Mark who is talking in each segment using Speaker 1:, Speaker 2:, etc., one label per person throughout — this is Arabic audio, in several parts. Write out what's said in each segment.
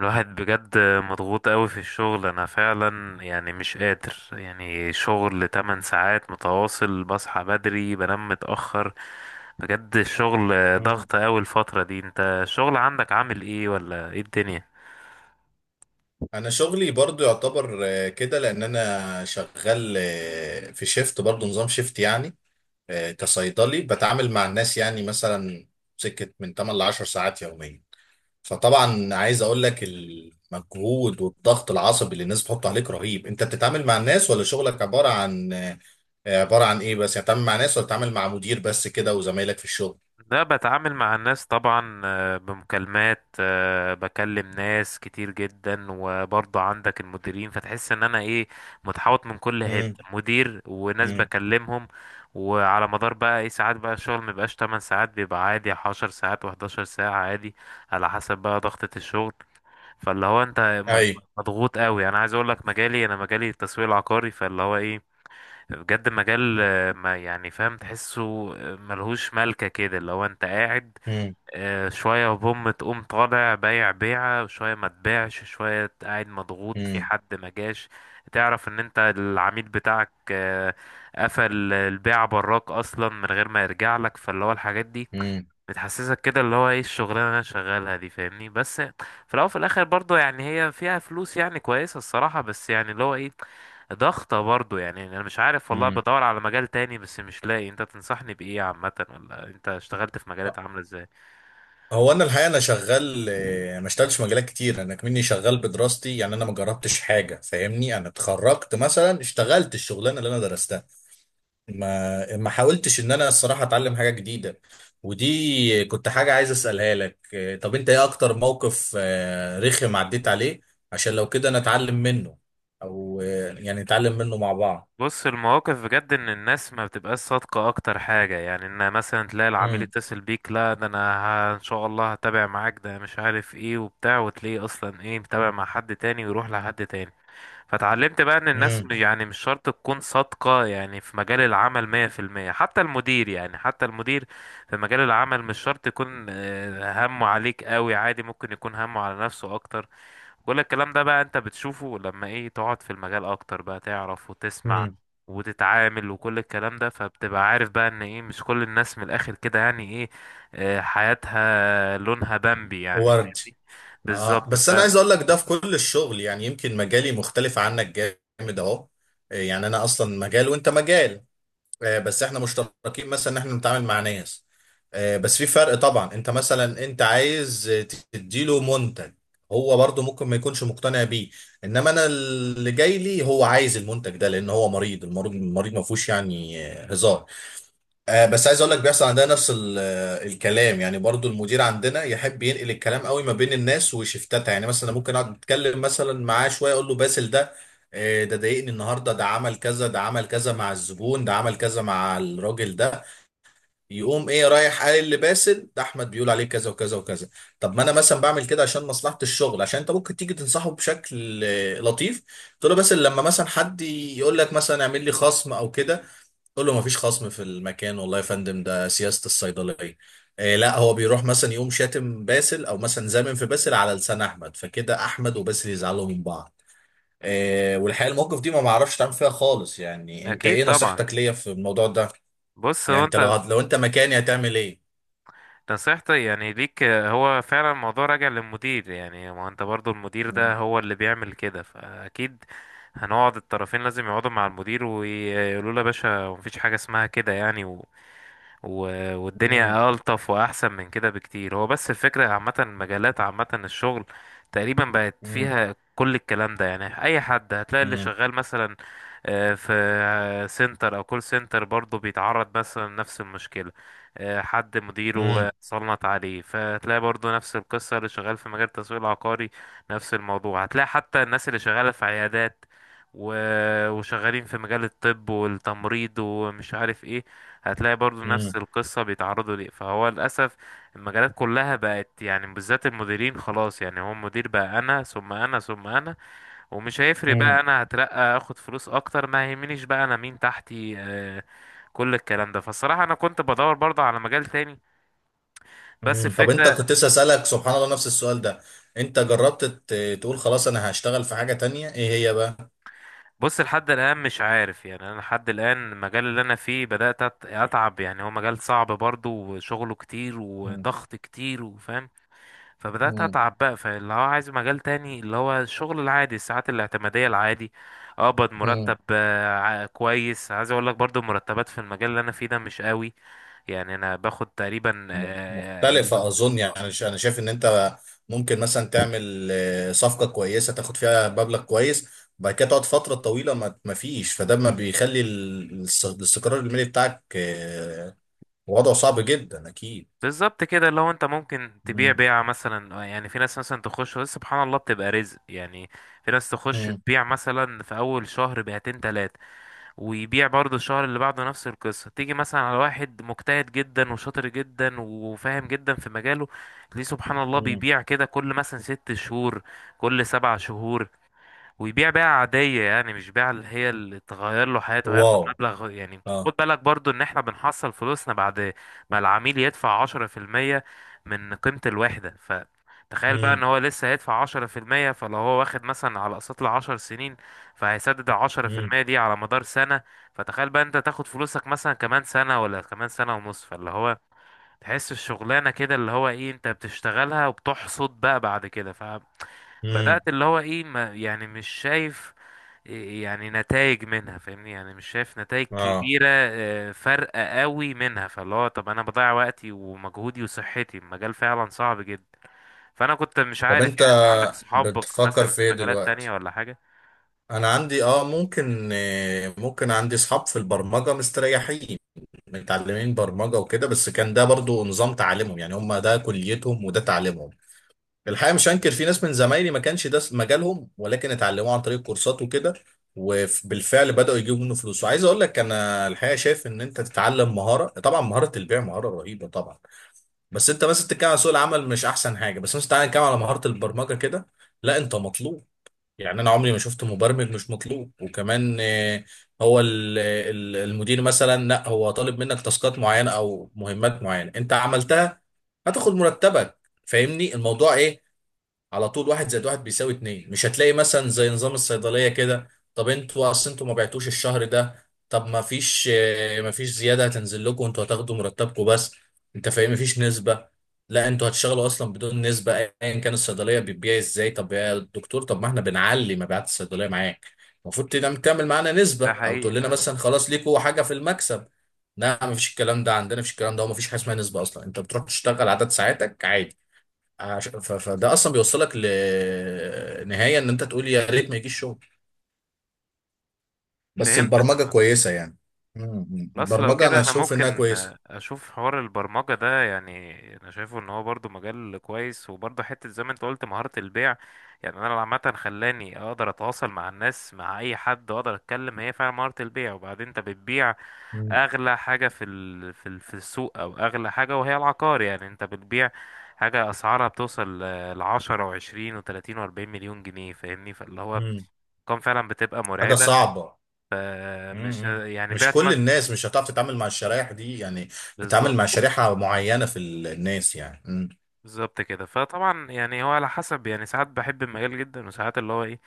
Speaker 1: الواحد بجد مضغوط قوي في الشغل، انا فعلا مش قادر. يعني شغل 8 ساعات متواصل، بصحى بدري بنام متأخر. بجد الشغل
Speaker 2: مم.
Speaker 1: ضغط قوي الفترة دي. انت الشغل عندك عامل ايه ولا ايه الدنيا؟
Speaker 2: انا شغلي برضو يعتبر كده لان انا شغال في شيفت برضو نظام شيفت يعني كصيدلي بتعامل مع الناس يعني مثلا سكة من 8 ل 10 ساعات يوميا. فطبعا عايز اقول لك المجهود والضغط العصبي اللي الناس بتحط عليك رهيب. انت بتتعامل مع الناس ولا شغلك عبارة عن ايه بس؟ يعني بتتعامل مع ناس ولا بتتعامل مع مدير بس كده وزمايلك في الشغل؟
Speaker 1: لا، بتعامل مع الناس طبعا، بمكالمات، بكلم ناس كتير جدا، وبرضه عندك المديرين، فتحس ان انا ايه، متحوط من كل
Speaker 2: امم
Speaker 1: حتة، مدير وناس
Speaker 2: امم.
Speaker 1: بكلمهم. وعلى مدار بقى ايه، ساعات بقى الشغل مبيبقاش 8 ساعات، بيبقى عادي 10 ساعات و11 ساعة عادي، على حسب بقى ضغطة الشغل. فاللي هو انت
Speaker 2: اي.
Speaker 1: مضغوط قوي. انا عايز اقول لك مجالي، انا مجالي التسويق العقاري، فاللي هو ايه، بجد مجال، ما يعني فاهم، تحسه ملهوش ملكة كده. لو انت قاعد
Speaker 2: امم
Speaker 1: شوية، بوم تقوم طالع بايع بيعة، شوية ما تبيعش، شوية قاعد مضغوط في
Speaker 2: امم
Speaker 1: حد ما جاش، تعرف ان انت العميل بتاعك قفل البيعة براك اصلا من غير ما يرجع لك. فاللي هو الحاجات دي بتحسسك كده اللي هو ايه الشغلانه اللي انا شغالها دي، فاهمني؟ بس في الاول وفي الاخر برضو يعني هي فيها فلوس يعني كويسه الصراحه، بس يعني اللي هو ايه، ضغطه برضو يعني. يعني انا مش عارف والله،
Speaker 2: امم.
Speaker 1: بدور على مجال تاني بس مش لاقي. انت تنصحني بايه عامه؟ ولا انت اشتغلت في مجالات عامله ازاي؟
Speaker 2: هو انا الحقيقه انا شغال، ما اشتغلتش في مجالات كتير، انا كمني شغال بدراستي يعني، انا ما جربتش حاجه فاهمني، انا اتخرجت مثلا اشتغلت الشغلانه اللي انا درستها. ما حاولتش ان انا الصراحه اتعلم حاجه جديده. ودي كنت حاجه عايز اسالها لك، طب انت ايه اكتر موقف رخم عديت عليه؟ عشان لو كده نتعلم منه، او يعني نتعلم منه مع بعض.
Speaker 1: بص، المواقف بجد ان الناس ما بتبقاش صادقه اكتر حاجه. يعني ان مثلا تلاقي العميل
Speaker 2: امم
Speaker 1: يتصل بيك، لا ده انا ان شاء الله هتابع معاك، ده مش عارف ايه وبتاع، وتلاقيه اصلا ايه، متابع مع حد تاني ويروح لحد تاني. فتعلمت بقى ان الناس
Speaker 2: امم
Speaker 1: يعني مش شرط تكون صادقة يعني في مجال العمل 100%، حتى المدير، يعني حتى المدير في مجال العمل مش شرط يكون همه عليك قوي. عادي، ممكن يكون همه على نفسه اكتر. كل الكلام ده بقى انت بتشوفه لما ايه، تقعد في المجال اكتر بقى تعرف وتسمع
Speaker 2: امم.
Speaker 1: وتتعامل، وكل الكلام ده، فبتبقى عارف بقى ان ايه، مش كل الناس من الاخر كده يعني ايه، حياتها لونها بامبي، يعني
Speaker 2: ورد.
Speaker 1: فاهمني.
Speaker 2: اه
Speaker 1: بالظبط.
Speaker 2: بس
Speaker 1: ف
Speaker 2: انا عايز اقول لك ده في كل الشغل يعني، يمكن مجالي مختلف عنك جامد اهو. يعني انا اصلا مجال وانت مجال. بس احنا مشتركين مثلا ان احنا بنتعامل مع ناس. بس في فرق طبعا. انت مثلا انت عايز تديله منتج، هو برضه ممكن ما يكونش مقتنع بيه. انما انا اللي جاي لي هو عايز المنتج ده لان هو مريض. المريض ما فيهوش يعني هزار. آه بس عايز اقول لك بيحصل عندنا نفس الكلام. يعني برضو المدير عندنا يحب ينقل الكلام قوي ما بين الناس وشفتاتها. يعني مثلا ممكن اقعد اتكلم مثلا معاه شويه اقول له باسل ده ده ضايقني النهارده، ده عمل كذا، ده عمل كذا مع الزبون، ده عمل كذا مع الراجل ده. يقوم ايه رايح قال لباسل ده احمد بيقول عليه كذا وكذا وكذا. طب ما انا مثلا بعمل كده عشان مصلحه الشغل، عشان انت ممكن تيجي تنصحه بشكل لطيف، تقول له باسل لما مثلا حد يقول لك مثلا اعمل لي خصم او كده تقول له مفيش خصم في المكان والله يا فندم، ده سياسة الصيدلية. آه لا هو بيروح مثلا يقوم شاتم باسل او مثلا زامم في باسل على لسان احمد، فكده احمد وباسل يزعلوا من بعض. آه والحقيقة الموقف دي ما معرفش تعمل فيها خالص. يعني انت
Speaker 1: اكيد
Speaker 2: ايه
Speaker 1: طبعا.
Speaker 2: نصيحتك ليا في الموضوع ده؟
Speaker 1: بص، هو
Speaker 2: يعني انت
Speaker 1: انت
Speaker 2: لو لو انت مكاني هتعمل ايه؟
Speaker 1: نصيحتي يعني ليك هو فعلا الموضوع راجع للمدير، يعني ما هو انت برضو المدير ده
Speaker 2: مم.
Speaker 1: هو اللي بيعمل كده، فاكيد هنقعد الطرفين، لازم يقعدوا مع المدير ويقولوا له يا باشا، مفيش حاجة اسمها كده يعني،
Speaker 2: مم.
Speaker 1: والدنيا ألطف وأحسن من كده بكتير. هو بس الفكرة عامة، مجالات عامة، الشغل تقريبا بقت
Speaker 2: مم.
Speaker 1: فيها كل الكلام ده. يعني أي حد هتلاقي اللي
Speaker 2: مم.
Speaker 1: شغال مثلا في سنتر أو كول سنتر برضه بيتعرض مثلا لنفس المشكلة، حد مديره
Speaker 2: مم.
Speaker 1: صنط عليه. فتلاقي برضه نفس القصة اللي شغال في مجال التسويق العقاري نفس الموضوع. هتلاقي حتى الناس اللي شغالة في عيادات وشغالين في مجال الطب والتمريض ومش عارف ايه، هتلاقي برضو
Speaker 2: مم.
Speaker 1: نفس القصة بيتعرضوا ليه. فهو للأسف المجالات كلها بقت يعني بالذات المديرين خلاص، يعني هو المدير بقى أنا ثم أنا ثم أنا، ومش هيفرق بقى،
Speaker 2: مم.
Speaker 1: أنا هترقى، أخد فلوس أكتر، ما يهمنيش بقى أنا مين تحتي، آه، كل الكلام ده. فالصراحة أنا كنت بدور برضه على مجال تاني، بس
Speaker 2: مم. طب انت
Speaker 1: الفكرة،
Speaker 2: كنت لسه اسالك سبحان الله نفس السؤال ده، انت جربت تقول خلاص انا هشتغل في حاجة تانية؟ ايه هي بقى؟
Speaker 1: بص، لحد الآن مش عارف. يعني أنا لحد الآن المجال اللي أنا فيه بدأت أتعب، يعني هو مجال صعب برضه وشغله كتير
Speaker 2: مم.
Speaker 1: وضغط كتير، وفاهم. فبدأت أتعب بقى، فاللي هو عايز مجال تاني، اللي هو الشغل العادي، الساعات الاعتمادية العادي، أقبض
Speaker 2: مم.
Speaker 1: مرتب كويس. عايز أقول لك برضو المرتبات في المجال اللي أنا فيه ده مش قوي، يعني أنا باخد تقريبا اه
Speaker 2: مختلفة أظن يعني. أنا شايف إن أنت ممكن مثلا تعمل صفقة كويسة تاخد فيها مبلغ كويس، وبعد كده تقعد فترة طويلة ما فيش. فده ما بيخلي الاستقرار المالي بتاعك وضعه صعب جدا أكيد.
Speaker 1: بالظبط كده. اللي هو انت ممكن تبيع
Speaker 2: مم.
Speaker 1: بيعة مثلا يعني في ناس مثلا تخش، ودي سبحان الله بتبقى رزق يعني. في ناس تخش
Speaker 2: مم.
Speaker 1: تبيع مثلا في اول شهر بيعتين تلاتة، ويبيع برضه الشهر اللي بعده نفس القصة. تيجي مثلا على واحد مجتهد جدا وشاطر جدا وفاهم جدا في مجاله، ليه سبحان الله
Speaker 2: مم.
Speaker 1: بيبيع كده كل مثلا ست شهور، كل سبع شهور. ويبيع بيع عادية، يعني مش بيع اللي هي اللي تغير له حياته. هياخد
Speaker 2: واو.
Speaker 1: مبلغ يعني،
Speaker 2: اه.
Speaker 1: خد بالك برضو ان احنا بنحصل فلوسنا بعد ما العميل يدفع 10% من قيمة الوحدة. فتخيل بقى ان
Speaker 2: مم.
Speaker 1: هو لسه هيدفع 10%، فلو هو واخد مثلا على اقساط لعشر سنين، فهيسدد العشرة في
Speaker 2: مم.
Speaker 1: المية دي على مدار سنة. فتخيل بقى انت تاخد فلوسك مثلا كمان سنة ولا كمان سنة ونص. فاللي هو تحس الشغلانة كده اللي هو ايه، انت بتشتغلها وبتحصد بقى بعد كده.
Speaker 2: مم.
Speaker 1: بدأت اللي هو ايه، ما يعني مش شايف إيه يعني، نتائج منها فاهمني، يعني مش شايف نتائج
Speaker 2: اه.
Speaker 1: كبيرة، فارقة قوي منها. فاللي هو طب انا بضيع وقتي ومجهودي وصحتي، المجال فعلا صعب جدا. فانا كنت مش
Speaker 2: طب
Speaker 1: عارف
Speaker 2: أنت
Speaker 1: يعني، عندك صحابك
Speaker 2: بتفكر
Speaker 1: مثلا
Speaker 2: في
Speaker 1: في
Speaker 2: إيه
Speaker 1: مجالات تانية
Speaker 2: دلوقتي؟
Speaker 1: ولا حاجة؟
Speaker 2: أنا عندي اه ممكن، ممكن عندي أصحاب في البرمجة مستريحين، متعلمين برمجة وكده. بس كان ده برضو نظام تعليمهم يعني، هم ده كليتهم وده تعليمهم. الحقيقة مش هنكر في ناس من زمايلي ما كانش ده مجالهم ولكن اتعلموه عن طريق كورسات وكده، وبالفعل بدأوا يجيبوا منه فلوس. وعايز اقول لك انا الحقيقة شايف ان انت تتعلم مهارة. طبعا مهارة البيع مهارة رهيبة طبعا، بس انت بس بتتكلم عن سوق العمل مش احسن حاجة. بس مثلا تعالى نتكلم على مهارة البرمجة كده، لا انت مطلوب. يعني انا عمري ما شفت مبرمج مش مطلوب. وكمان هو المدير مثلا لا هو طالب منك تاسكات معينه او مهمات معينه، انت عملتها هتاخد مرتبك، فاهمني الموضوع ايه؟ على طول واحد زائد واحد بيساوي اتنين. مش هتلاقي مثلا زي نظام الصيدلية كده، طب انتوا اصل انتوا ما بعتوش الشهر ده، طب ما فيش اه، ما فيش زيادة هتنزل لكم، انتوا هتاخدوا مرتبكم بس. انت فاهم؟ ما فيش نسبة، لا انتوا هتشتغلوا اصلا بدون نسبة ايا كان الصيدلية بتبيع ازاي. طب يا دكتور طب ما احنا بنعلي مبيعات الصيدلية معاك، المفروض تعمل معانا
Speaker 1: ده
Speaker 2: نسبة او
Speaker 1: حقيقي
Speaker 2: تقول لنا
Speaker 1: فعلا.
Speaker 2: مثلا خلاص ليكوا حاجة في المكسب. لا، ما فيش الكلام ده عندنا، مفيش الكلام ده، وما فيش حاجة اسمها نسبة اصلا. انت بتروح تشتغل عدد ساعاتك عادي. فده اصلا بيوصلك لنهايه ان انت تقول يا ريت ما يجيش شغل. بس
Speaker 1: فهمتك
Speaker 2: البرمجه
Speaker 1: عامة.
Speaker 2: كويسه يعني. مم.
Speaker 1: خلاص لو
Speaker 2: البرمجه
Speaker 1: كده
Speaker 2: انا
Speaker 1: انا
Speaker 2: اشوف انها
Speaker 1: ممكن
Speaker 2: كويسه.
Speaker 1: اشوف حوار البرمجة ده يعني. انا شايفه ان هو برضو مجال كويس، وبرضو حتة زي ما انت قلت مهارة البيع يعني. انا عامة خلاني اقدر اتواصل مع الناس، مع اي حد، واقدر اتكلم. هي فعلا مهارة البيع. وبعدين انت بتبيع
Speaker 2: مم.
Speaker 1: اغلى حاجة في ال... في ال... في السوق، او اغلى حاجة وهي العقار. يعني انت بتبيع حاجة اسعارها بتوصل ل10 و20 و30 و40 مليون جنيه، فاهمني. فاللي هو
Speaker 2: مم.
Speaker 1: كان فعلا بتبقى
Speaker 2: حاجه
Speaker 1: مرعبة.
Speaker 2: صعبه.
Speaker 1: فمش
Speaker 2: مم.
Speaker 1: يعني
Speaker 2: مش
Speaker 1: بعت
Speaker 2: كل
Speaker 1: مثلا.
Speaker 2: الناس مش هتعرف تتعامل مع الشرايح دي يعني، بتتعامل
Speaker 1: بالظبط،
Speaker 2: مع شريحه معينه في الناس يعني. مم.
Speaker 1: بالظبط كده. فطبعا يعني هو على حسب يعني، ساعات بحب المجال جدا، وساعات اللي هو ايه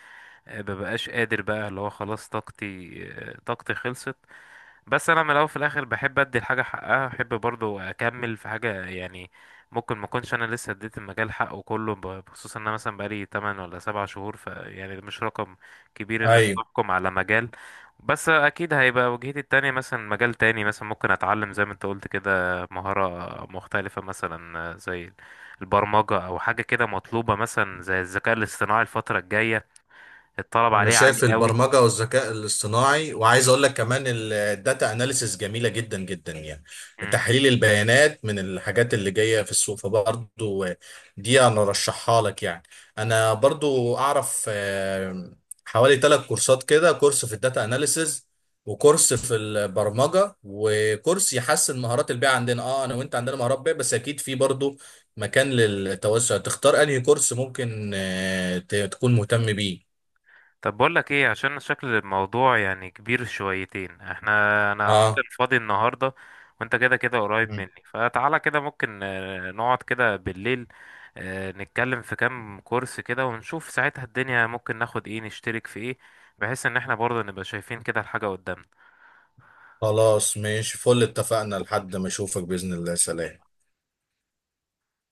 Speaker 1: مببقاش قادر بقى، اللي هو خلاص طاقتي طاقتي خلصت. بس انا من الاول في الاخر بحب ادي الحاجه حقها، بحب برضو اكمل في حاجه يعني. ممكن ما اكونش انا لسه اديت المجال حقه كله بخصوص ان انا مثلا بقالي 8 ولا 7 شهور. ف يعني ده مش رقم كبير انك
Speaker 2: ايوه.
Speaker 1: تحكم على مجال. بس اكيد هيبقى وجهتي التانية مثلا مجال تاني، مثلا ممكن اتعلم زي ما انت قلت كده مهارة مختلفة مثلا، زي البرمجة او حاجة كده مطلوبة، مثلا زي الذكاء الاصطناعي الفترة الجاية، الطلب
Speaker 2: انا
Speaker 1: عليه عالي
Speaker 2: شايف
Speaker 1: قوي.
Speaker 2: البرمجه والذكاء الاصطناعي، وعايز اقول لك كمان الداتا اناليسيس جميله جدا جدا يعني.
Speaker 1: مم.
Speaker 2: تحليل البيانات من الحاجات اللي جايه في السوق فبرضو دي انا رشحها لك يعني. انا برضو اعرف حوالي 3 كورسات كده، كورس في الداتا اناليسيس، وكورس في البرمجه، وكورس يحسن مهارات البيع عندنا. اه انا وانت عندنا مهارات بيع بس اكيد في برضو مكان للتوسع. تختار انهي كورس ممكن تكون مهتم بيه.
Speaker 1: طب بقول لك ايه، عشان شكل الموضوع يعني كبير شويتين احنا. انا عامه
Speaker 2: اه.
Speaker 1: فاضي النهارده، وانت كده كده قريب
Speaker 2: مم.
Speaker 1: مني، فتعالى كده ممكن نقعد كده بالليل، نتكلم في كام كورس كده، ونشوف ساعتها الدنيا ممكن ناخد ايه، نشترك في ايه، بحيث ان احنا برضه نبقى شايفين كده الحاجه قدامنا.
Speaker 2: خلاص ماشي فل، اتفقنا لحد ما اشوفك بإذن الله، سلام.